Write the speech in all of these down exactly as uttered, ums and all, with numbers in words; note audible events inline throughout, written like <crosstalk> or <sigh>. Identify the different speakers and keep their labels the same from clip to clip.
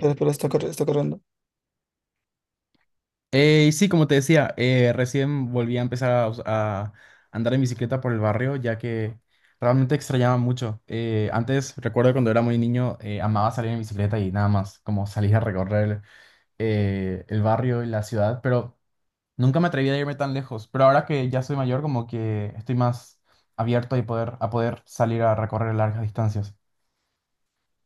Speaker 1: Pero, pero está, corri- está corriendo.
Speaker 2: Eh, y sí, como te decía, eh, recién volví a empezar a, us- a andar en bicicleta por el barrio, ya que realmente extrañaba mucho. Eh, antes, recuerdo cuando era muy niño, eh, amaba salir en bicicleta y nada más, como salir a recorrer eh, el barrio y la ciudad, pero nunca me atreví a irme tan lejos. Pero ahora que ya soy mayor, como que estoy más abierto a poder, a poder salir a recorrer largas distancias.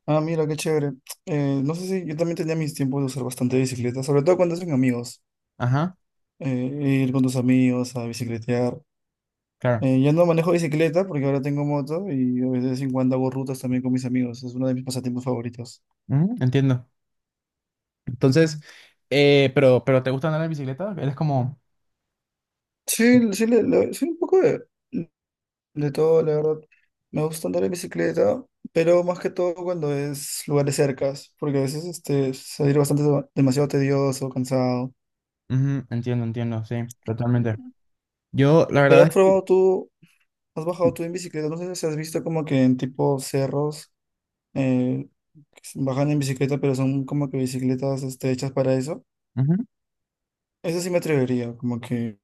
Speaker 1: Ah, mira, qué chévere. Eh, no sé si yo también tenía mis tiempos de usar bastante bicicleta, sobre todo cuando hacen amigos.
Speaker 2: Ajá,
Speaker 1: Eh, ir con tus amigos a bicicletear.
Speaker 2: claro.
Speaker 1: Eh, ya no manejo bicicleta porque ahora tengo moto y de vez en cuando hago rutas también con mis amigos. Es uno de mis pasatiempos favoritos.
Speaker 2: Ujú, entiendo. Entonces, eh, pero, pero ¿te gusta andar en bicicleta? ¿Eres como...
Speaker 1: Sí, sí, le, le- sí, un poco de, de todo, la verdad. Me gusta andar en bicicleta, pero más que todo cuando es lugares cercas, porque a veces este, salir bastante demasiado tedioso, cansado.
Speaker 2: Ujú, entiendo, entiendo, sí, totalmente. Yo, la
Speaker 1: Pero has
Speaker 2: verdad es
Speaker 1: probado tú. ¿Has bajado tú en bicicleta? No sé si has visto como que en tipo cerros eh, que se bajan en bicicleta, pero son como que bicicletas este, hechas para eso.
Speaker 2: que... ujú.
Speaker 1: Eso sí me atrevería, como que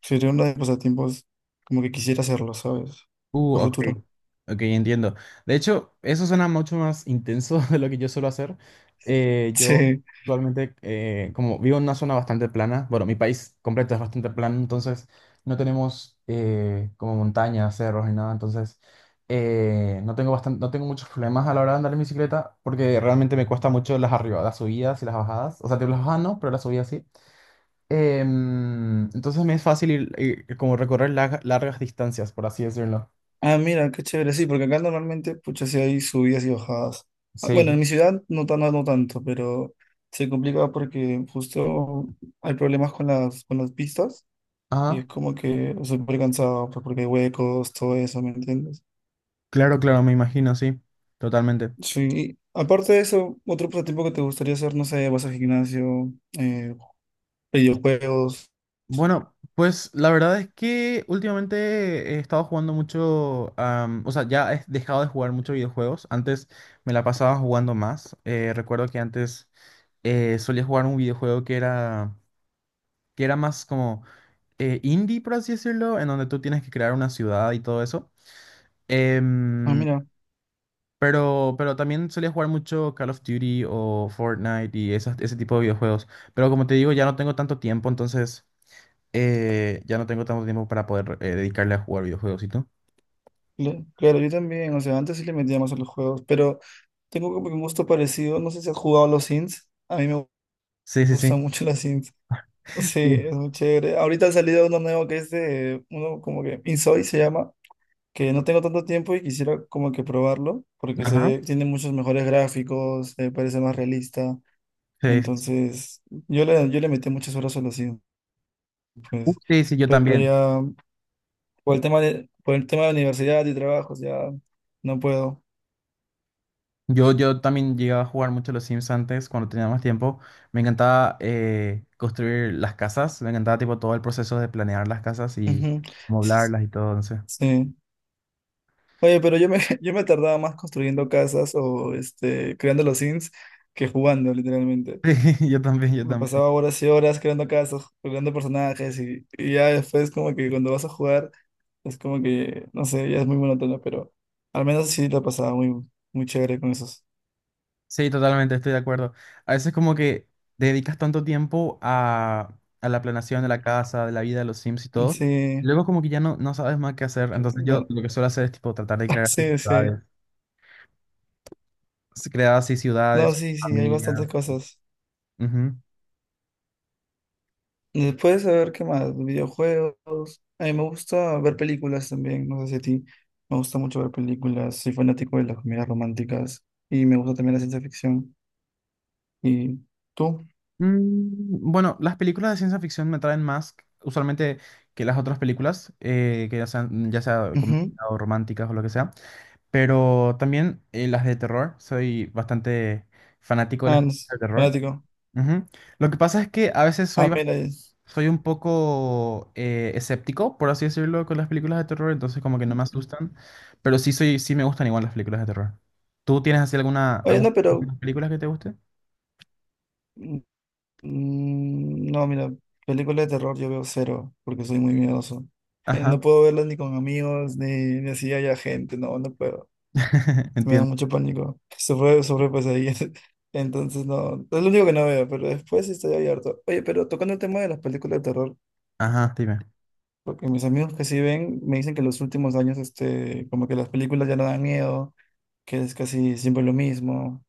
Speaker 1: sería uno de los pasatiempos como que quisiera hacerlo, ¿sabes?
Speaker 2: Uh,
Speaker 1: A
Speaker 2: ok,
Speaker 1: futuro. <laughs>
Speaker 2: ok, entiendo. De hecho, eso suena mucho más intenso <laughs> de lo que yo suelo hacer. Eh, yo
Speaker 1: Sí.
Speaker 2: actualmente, eh, como vivo en una zona bastante plana, bueno, mi país completo es bastante plano, entonces no tenemos eh, como montañas, cerros ni nada, entonces eh, no tengo bastan- no tengo muchos problemas a la hora de andar en bicicleta porque realmente me cuesta mucho las arribadas, las subidas y las bajadas. O sea, tipo, las bajadas no, pero las subidas sí. Em, entonces me es fácil ir- ir- como recorrer larga- largas distancias, por así decirlo.
Speaker 1: Ah, mira, qué chévere. Sí, porque acá normalmente, pucha, sí hay subidas y bajadas. Ah,
Speaker 2: Sí.
Speaker 1: bueno, en mi ciudad no, tan- no, no tanto, pero se complica porque justo hay problemas con las, con las pistas. Y es
Speaker 2: Ajá,
Speaker 1: como que súper cansado, pues porque hay huecos, todo eso, ¿me entiendes?
Speaker 2: claro, claro, me imagino, sí, totalmente.
Speaker 1: Sí, aparte de eso, otro pasatiempo que te gustaría hacer, no sé, ¿vas al gimnasio, eh, videojuegos?
Speaker 2: Bueno, pues la verdad es que últimamente he estado jugando mucho, am, o sea, ya he dejado de jugar muchos videojuegos. Antes me la pasaba jugando más. Eh, recuerdo que antes eh, solía jugar un videojuego que era, que era más como eh, indie, por así decirlo, en donde tú tienes que crear una ciudad y todo eso.
Speaker 1: Ah,
Speaker 2: Em,
Speaker 1: mira,
Speaker 2: Pero, pero también solía jugar mucho Call of Duty o Fortnite y esas- ese tipo de videojuegos. Pero como te digo, ya no tengo tanto tiempo, entonces eh, ya no tengo tanto tiempo para poder eh, dedicarle a jugar videojuegos, ¿y tú?
Speaker 1: cl- claro, yo también, o sea, antes sí le metía más a los juegos, pero tengo como que un gusto parecido, no sé si has jugado a los Sims, a mí me
Speaker 2: Sí, sí, sí.
Speaker 1: gustan mucho los Sims. <laughs> Sí,
Speaker 2: Sí.
Speaker 1: es muy chévere. Ahorita ha salido uno nuevo que es de, uno como que Insoy se llama, que no tengo tanto tiempo y quisiera como que probarlo, porque
Speaker 2: Ajá.
Speaker 1: se, tiene muchos mejores gráficos, eh, parece más realista.
Speaker 2: Sí, sí, sí.
Speaker 1: Entonces, yo le, yo le metí muchas horas solo así,
Speaker 2: Uh,
Speaker 1: pues.
Speaker 2: sí, sí, yo
Speaker 1: Pero
Speaker 2: también.
Speaker 1: ya, por el tema de, por el tema de universidad y trabajos, ya no puedo.
Speaker 2: Yo, yo también llegaba a jugar mucho los Sims antes, cuando tenía más tiempo. Me encantaba eh, construir las casas, me encantaba tipo todo el proceso de planear las casas y
Speaker 1: Ujú. S-
Speaker 2: moblarlas y todo, no sé.
Speaker 1: Sí. Oye, pero yo me, <laughs> yo me tardaba más construyendo casas o este, creando los sims que jugando, literalmente.
Speaker 2: <laughs> Sí, yo también, yo
Speaker 1: Me
Speaker 2: también.
Speaker 1: pasaba horas y horas creando casos, creando personajes y, y ya después como que cuando vas a jugar es como que, no sé, ya es muy monótono, pero al menos sí lo pasaba muy, muy chévere con esos.
Speaker 2: Sí, totalmente, estoy de acuerdo. A veces como que dedicas tanto tiempo a, a la planeación de la casa, de la vida de los Sims y todo,
Speaker 1: Sí,
Speaker 2: luego como que ya no, no sabes más qué hacer.
Speaker 1: que-
Speaker 2: Entonces yo
Speaker 1: bueno,
Speaker 2: lo que suelo hacer es tipo tratar de
Speaker 1: <laughs>
Speaker 2: crear así
Speaker 1: sí, sí.
Speaker 2: ciudades, s- crear así
Speaker 1: No,
Speaker 2: ciudades,
Speaker 1: sí, sí, hay bastantes
Speaker 2: familias.
Speaker 1: cosas.
Speaker 2: Ujú.
Speaker 1: Después, a ver, ¿qué más? Videojuegos. A mí me gusta ver películas también, no sé si a ti. Me gusta mucho ver películas, soy fanático de las comedias románticas y me gusta también la ciencia ficción. ¿Y tú?
Speaker 2: Mm, bueno, las películas de ciencia ficción me traen más usualmente que las otras películas, eh, que ya sean, ya sea comedia
Speaker 1: Ujú.
Speaker 2: o románticas o lo que sea, pero también eh, las de terror, soy bastante fanático de las
Speaker 1: Ah, no,
Speaker 2: películas de terror.
Speaker 1: fanático.
Speaker 2: Ujú. Lo que pasa es que a veces soy,
Speaker 1: Ah,
Speaker 2: ba-
Speaker 1: mira. es-
Speaker 2: soy un poco eh, escéptico, por así decirlo, con las películas de terror, entonces como que no me asustan, pero sí soy, sí me gustan igual las películas de terror. ¿Tú tienes así alguna,
Speaker 1: Oye, no,
Speaker 2: algunas
Speaker 1: pero...
Speaker 2: películas <laughs> que te gusten?
Speaker 1: mm, mm, no, mira, películas de terror yo veo cero, porque soy muy miedoso. <laughs> No
Speaker 2: Ajá,
Speaker 1: puedo verlas ni con amigos, ni, ni así haya gente, no, no puedo.
Speaker 2: <laughs>
Speaker 1: Me da
Speaker 2: entiendo.
Speaker 1: mucho pánico. Sobre, sobre pesadillas. <laughs> Entonces, no, es lo único que no veo, pero después sí estoy abierto. Oye, pero tocando el tema de las películas de terror,
Speaker 2: Ajá, dime.
Speaker 1: porque mis amigos que sí ven me dicen que en los últimos años, este, como que las películas ya no dan miedo, que es casi siempre lo mismo.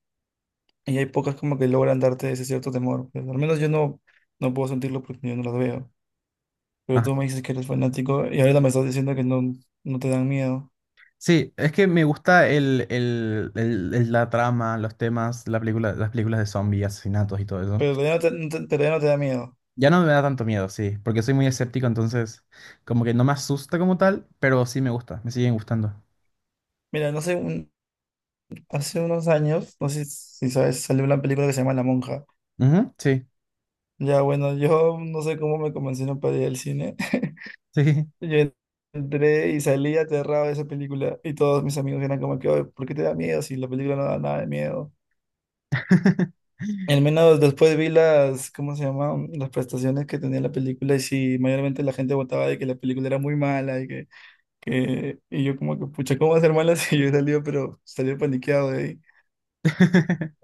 Speaker 1: Y hay pocas como que logran darte ese cierto temor. Pues, al menos yo no, no puedo sentirlo porque yo no las veo. Pero
Speaker 2: Ajá.
Speaker 1: tú me dices que eres fanático y ahorita me estás diciendo que no, no te dan miedo.
Speaker 2: Sí, es que me gusta el, el- el- el- la trama, los temas, la película, las películas de zombies, asesinatos y todo eso.
Speaker 1: Pero ya no te, no te- pero ya no te da miedo.
Speaker 2: Ya no me da tanto miedo, sí, porque soy muy escéptico, entonces como que no me asusta como tal, pero sí me gusta, me siguen gustando.
Speaker 1: Mira, no sé, un- hace unos años, no sé si sabes, salió una película que se llama La Monja.
Speaker 2: Ujú, sí,
Speaker 1: Ya bueno, yo no sé cómo me convencieron para ir al cine. <laughs>
Speaker 2: sí.
Speaker 1: Yo entré y salí aterrado de esa película y todos mis amigos eran como que, "Oye, ¿por qué te da miedo si la película no da nada de miedo?"
Speaker 2: <laughs>
Speaker 1: Al menos después vi las, ¿cómo se llama? Las prestaciones que tenía la película y sí mayormente la gente votaba de que la película era muy mala y que, que- y yo como que, pucha, ¿cómo va a ser mala <laughs> si yo he salido, pero salió paniqueado de ahí?
Speaker 2: <laughs>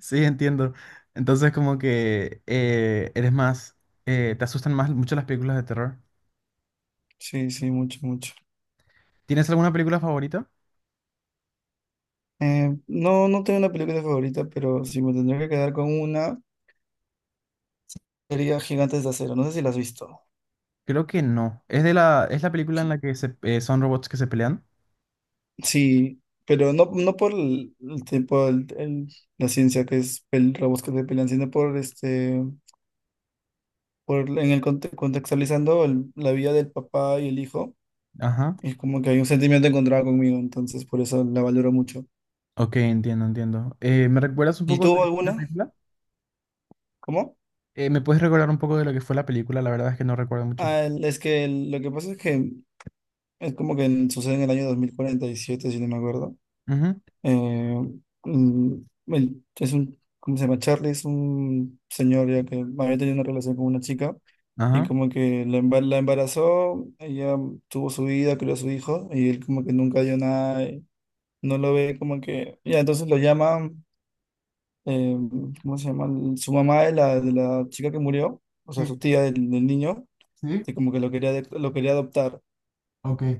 Speaker 2: Sí, entiendo. Entonces, como que eh, eres más, eh, te asustan más mucho las películas de terror.
Speaker 1: Sí, sí, mucho, mucho.
Speaker 2: ¿Tienes alguna película favorita?
Speaker 1: Eh, no, no tengo una película favorita, pero si me tendría que quedar con una, sería Gigantes de Acero. No sé si la has visto.
Speaker 2: Creo que no. Es de la, es la película en
Speaker 1: Gi-
Speaker 2: la que se, eh, son robots que se pelean.
Speaker 1: Sí, pero no, no por el, el tipo, el- el- la ciencia que es el robots que se pelean, sino por este por, en el conte- contextualizando el- la vida del papá y el hijo,
Speaker 2: Ajá.
Speaker 1: es como que hay un sentimiento encontrado conmigo, entonces por eso la valoro mucho.
Speaker 2: Ok, entiendo, entiendo. Eh, ¿me recuerdas un
Speaker 1: ¿Y
Speaker 2: poco de
Speaker 1: tú
Speaker 2: la
Speaker 1: alguna?
Speaker 2: película?
Speaker 1: ¿Cómo?
Speaker 2: Eh, ¿me puedes recordar un poco de lo que fue la película? La verdad es que no recuerdo mucho.
Speaker 1: Ah, el- es que el- lo que pasa es que es como que en- sucede en el año dos mil cuarenta y siete si no me acuerdo.
Speaker 2: Ujú,
Speaker 1: Eh, mm, el- es un, ¿cómo se llama? Charlie es un señor ya que había tenido una relación con una chica. Y
Speaker 2: ajá.
Speaker 1: como que la embar- la embarazó, ella tuvo su vida, crió a su hijo, y él como que nunca dio nada, no lo ve como que, ya, entonces lo llama, eh, ¿cómo se llama? El- Su mamá de la, de la chica que murió, o
Speaker 2: Sí,
Speaker 1: sea, su tía del, del niño,
Speaker 2: sí,
Speaker 1: que como que lo quería, de- lo quería adoptar,
Speaker 2: ok.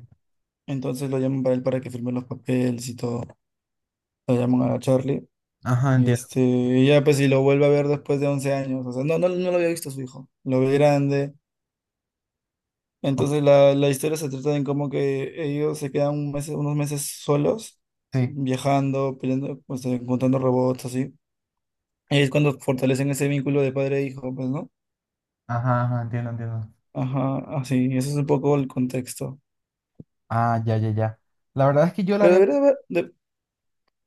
Speaker 1: entonces lo llaman para él para que firme los papeles y todo, lo llaman a la Charlie,
Speaker 2: Ajá,
Speaker 1: y
Speaker 2: entiendo.
Speaker 1: este, y ya pues si lo vuelve a ver después de once años, o sea, no, no, no lo había visto a su hijo, lo ve grande,
Speaker 2: Oh,
Speaker 1: entonces la, la historia se trata de cómo que ellos se quedan un mes- unos meses solos,
Speaker 2: sí,
Speaker 1: viajando, peleando, pues, encontrando robots, así. Es cuando fortalecen ese vínculo de padre e hijo, pues, ¿no?
Speaker 2: ajá, ajá, entiendo, entiendo.
Speaker 1: Ajá, así, ese es un poco el contexto.
Speaker 2: Ah, ya, ya, ya. La verdad es que yo la
Speaker 1: Pero
Speaker 2: había,
Speaker 1: deberías ver- de-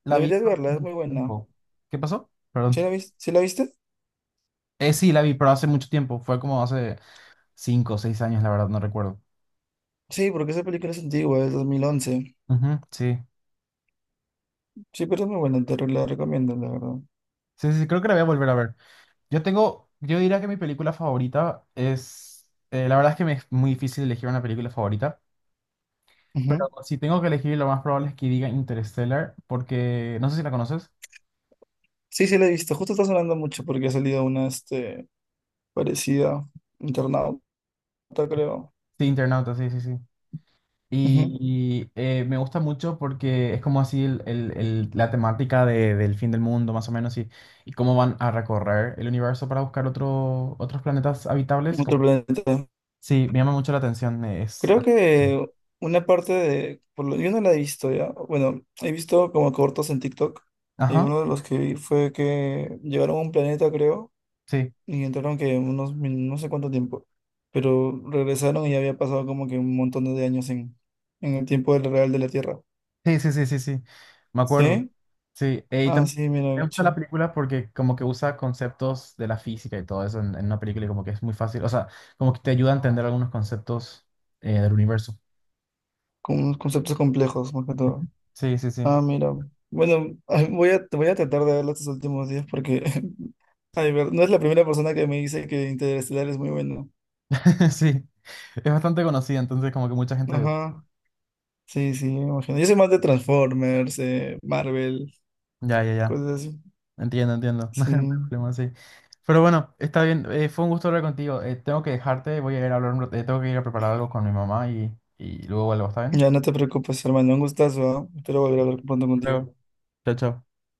Speaker 2: la vi
Speaker 1: deberías
Speaker 2: pero hace
Speaker 1: verla, es
Speaker 2: mucho
Speaker 1: muy buena.
Speaker 2: tiempo. ¿Qué pasó?
Speaker 1: ¿Sí
Speaker 2: Perdón.
Speaker 1: la viste? ¿Sí la viste?
Speaker 2: Eh, sí, la vi, pero hace mucho tiempo. Fue como hace cinco o seis años, la verdad, no recuerdo.
Speaker 1: Sí, porque esa película es antigua, es dos mil once.
Speaker 2: Ujú, sí.
Speaker 1: Sí, pero es muy buena, te re- la recomiendo, la verdad.
Speaker 2: Sí, sí, sí, creo que la voy a volver a ver. Yo tengo, yo diría que mi película favorita es, eh, la verdad es que me es muy difícil elegir una película favorita.
Speaker 1: Ujú.
Speaker 2: Pero si tengo que elegir, lo más probable es que diga Interstellar, porque, no sé si la conoces.
Speaker 1: Sí, sí la he visto. Justo está sonando mucho porque ha salido una, este, parecida, Internauta, creo.
Speaker 2: Sí, Internauta, sí, sí, sí.
Speaker 1: Ujú.
Speaker 2: Y eh, me gusta mucho porque es como así el- el- el- la temática de- del fin del mundo, más o menos, y, y cómo van a recorrer el universo para buscar otro, otros planetas habitables.
Speaker 1: Otro
Speaker 2: Como...
Speaker 1: planeta.
Speaker 2: Sí, me llama mucho la atención. Es...
Speaker 1: Creo que una parte de, por lo- yo no la he visto ya, bueno, he visto como cortos en TikTok y
Speaker 2: Ajá,
Speaker 1: uno de los que vi fue que llegaron a un planeta, creo,
Speaker 2: sí.
Speaker 1: y entraron que unos, min- no sé cuánto tiempo, pero regresaron y ya había pasado como que un montón de años en, en el tiempo del real de la Tierra.
Speaker 2: Sí, sí, sí, sí, sí. Me acuerdo.
Speaker 1: ¿Sí?
Speaker 2: Sí, eh, y
Speaker 1: Ah,
Speaker 2: también
Speaker 1: sí,
Speaker 2: me
Speaker 1: mira,
Speaker 2: gusta la
Speaker 1: che,
Speaker 2: película porque como que usa conceptos de la física y todo eso en, en una película y como que es muy fácil, o sea, como que te ayuda a entender algunos conceptos eh, del universo.
Speaker 1: con unos conceptos complejos más que todo.
Speaker 2: Sí, sí, sí.
Speaker 1: Ah, mira. Bueno, <laughs> voy a, voy a tratar de verlo estos últimos días porque <laughs> ay, ver- no es la primera persona que me dice que Interestelar es muy bueno.
Speaker 2: <laughs> Sí, es bastante conocida, entonces como que mucha gente de...
Speaker 1: Ajá, sí, sí, me imagino. Yo soy más de Transformers, eh, Marvel,
Speaker 2: Ya, ya, ya.
Speaker 1: cosas así.
Speaker 2: Entiendo, entiendo. <laughs> No hay
Speaker 1: Sí,
Speaker 2: problema, sí. Pero bueno, está bien. Eh, fue un gusto hablar contigo. Eh, tengo que dejarte, voy a ir a hablar, un rato- eh, tengo que ir a preparar algo con mi mamá y, y luego vuelvo, ¿está bien?
Speaker 1: ya no te preocupes, hermano, un gustazo, ¿ah? Espero volver a hablar pronto
Speaker 2: Hasta
Speaker 1: contigo.
Speaker 2: luego. Chao, chao.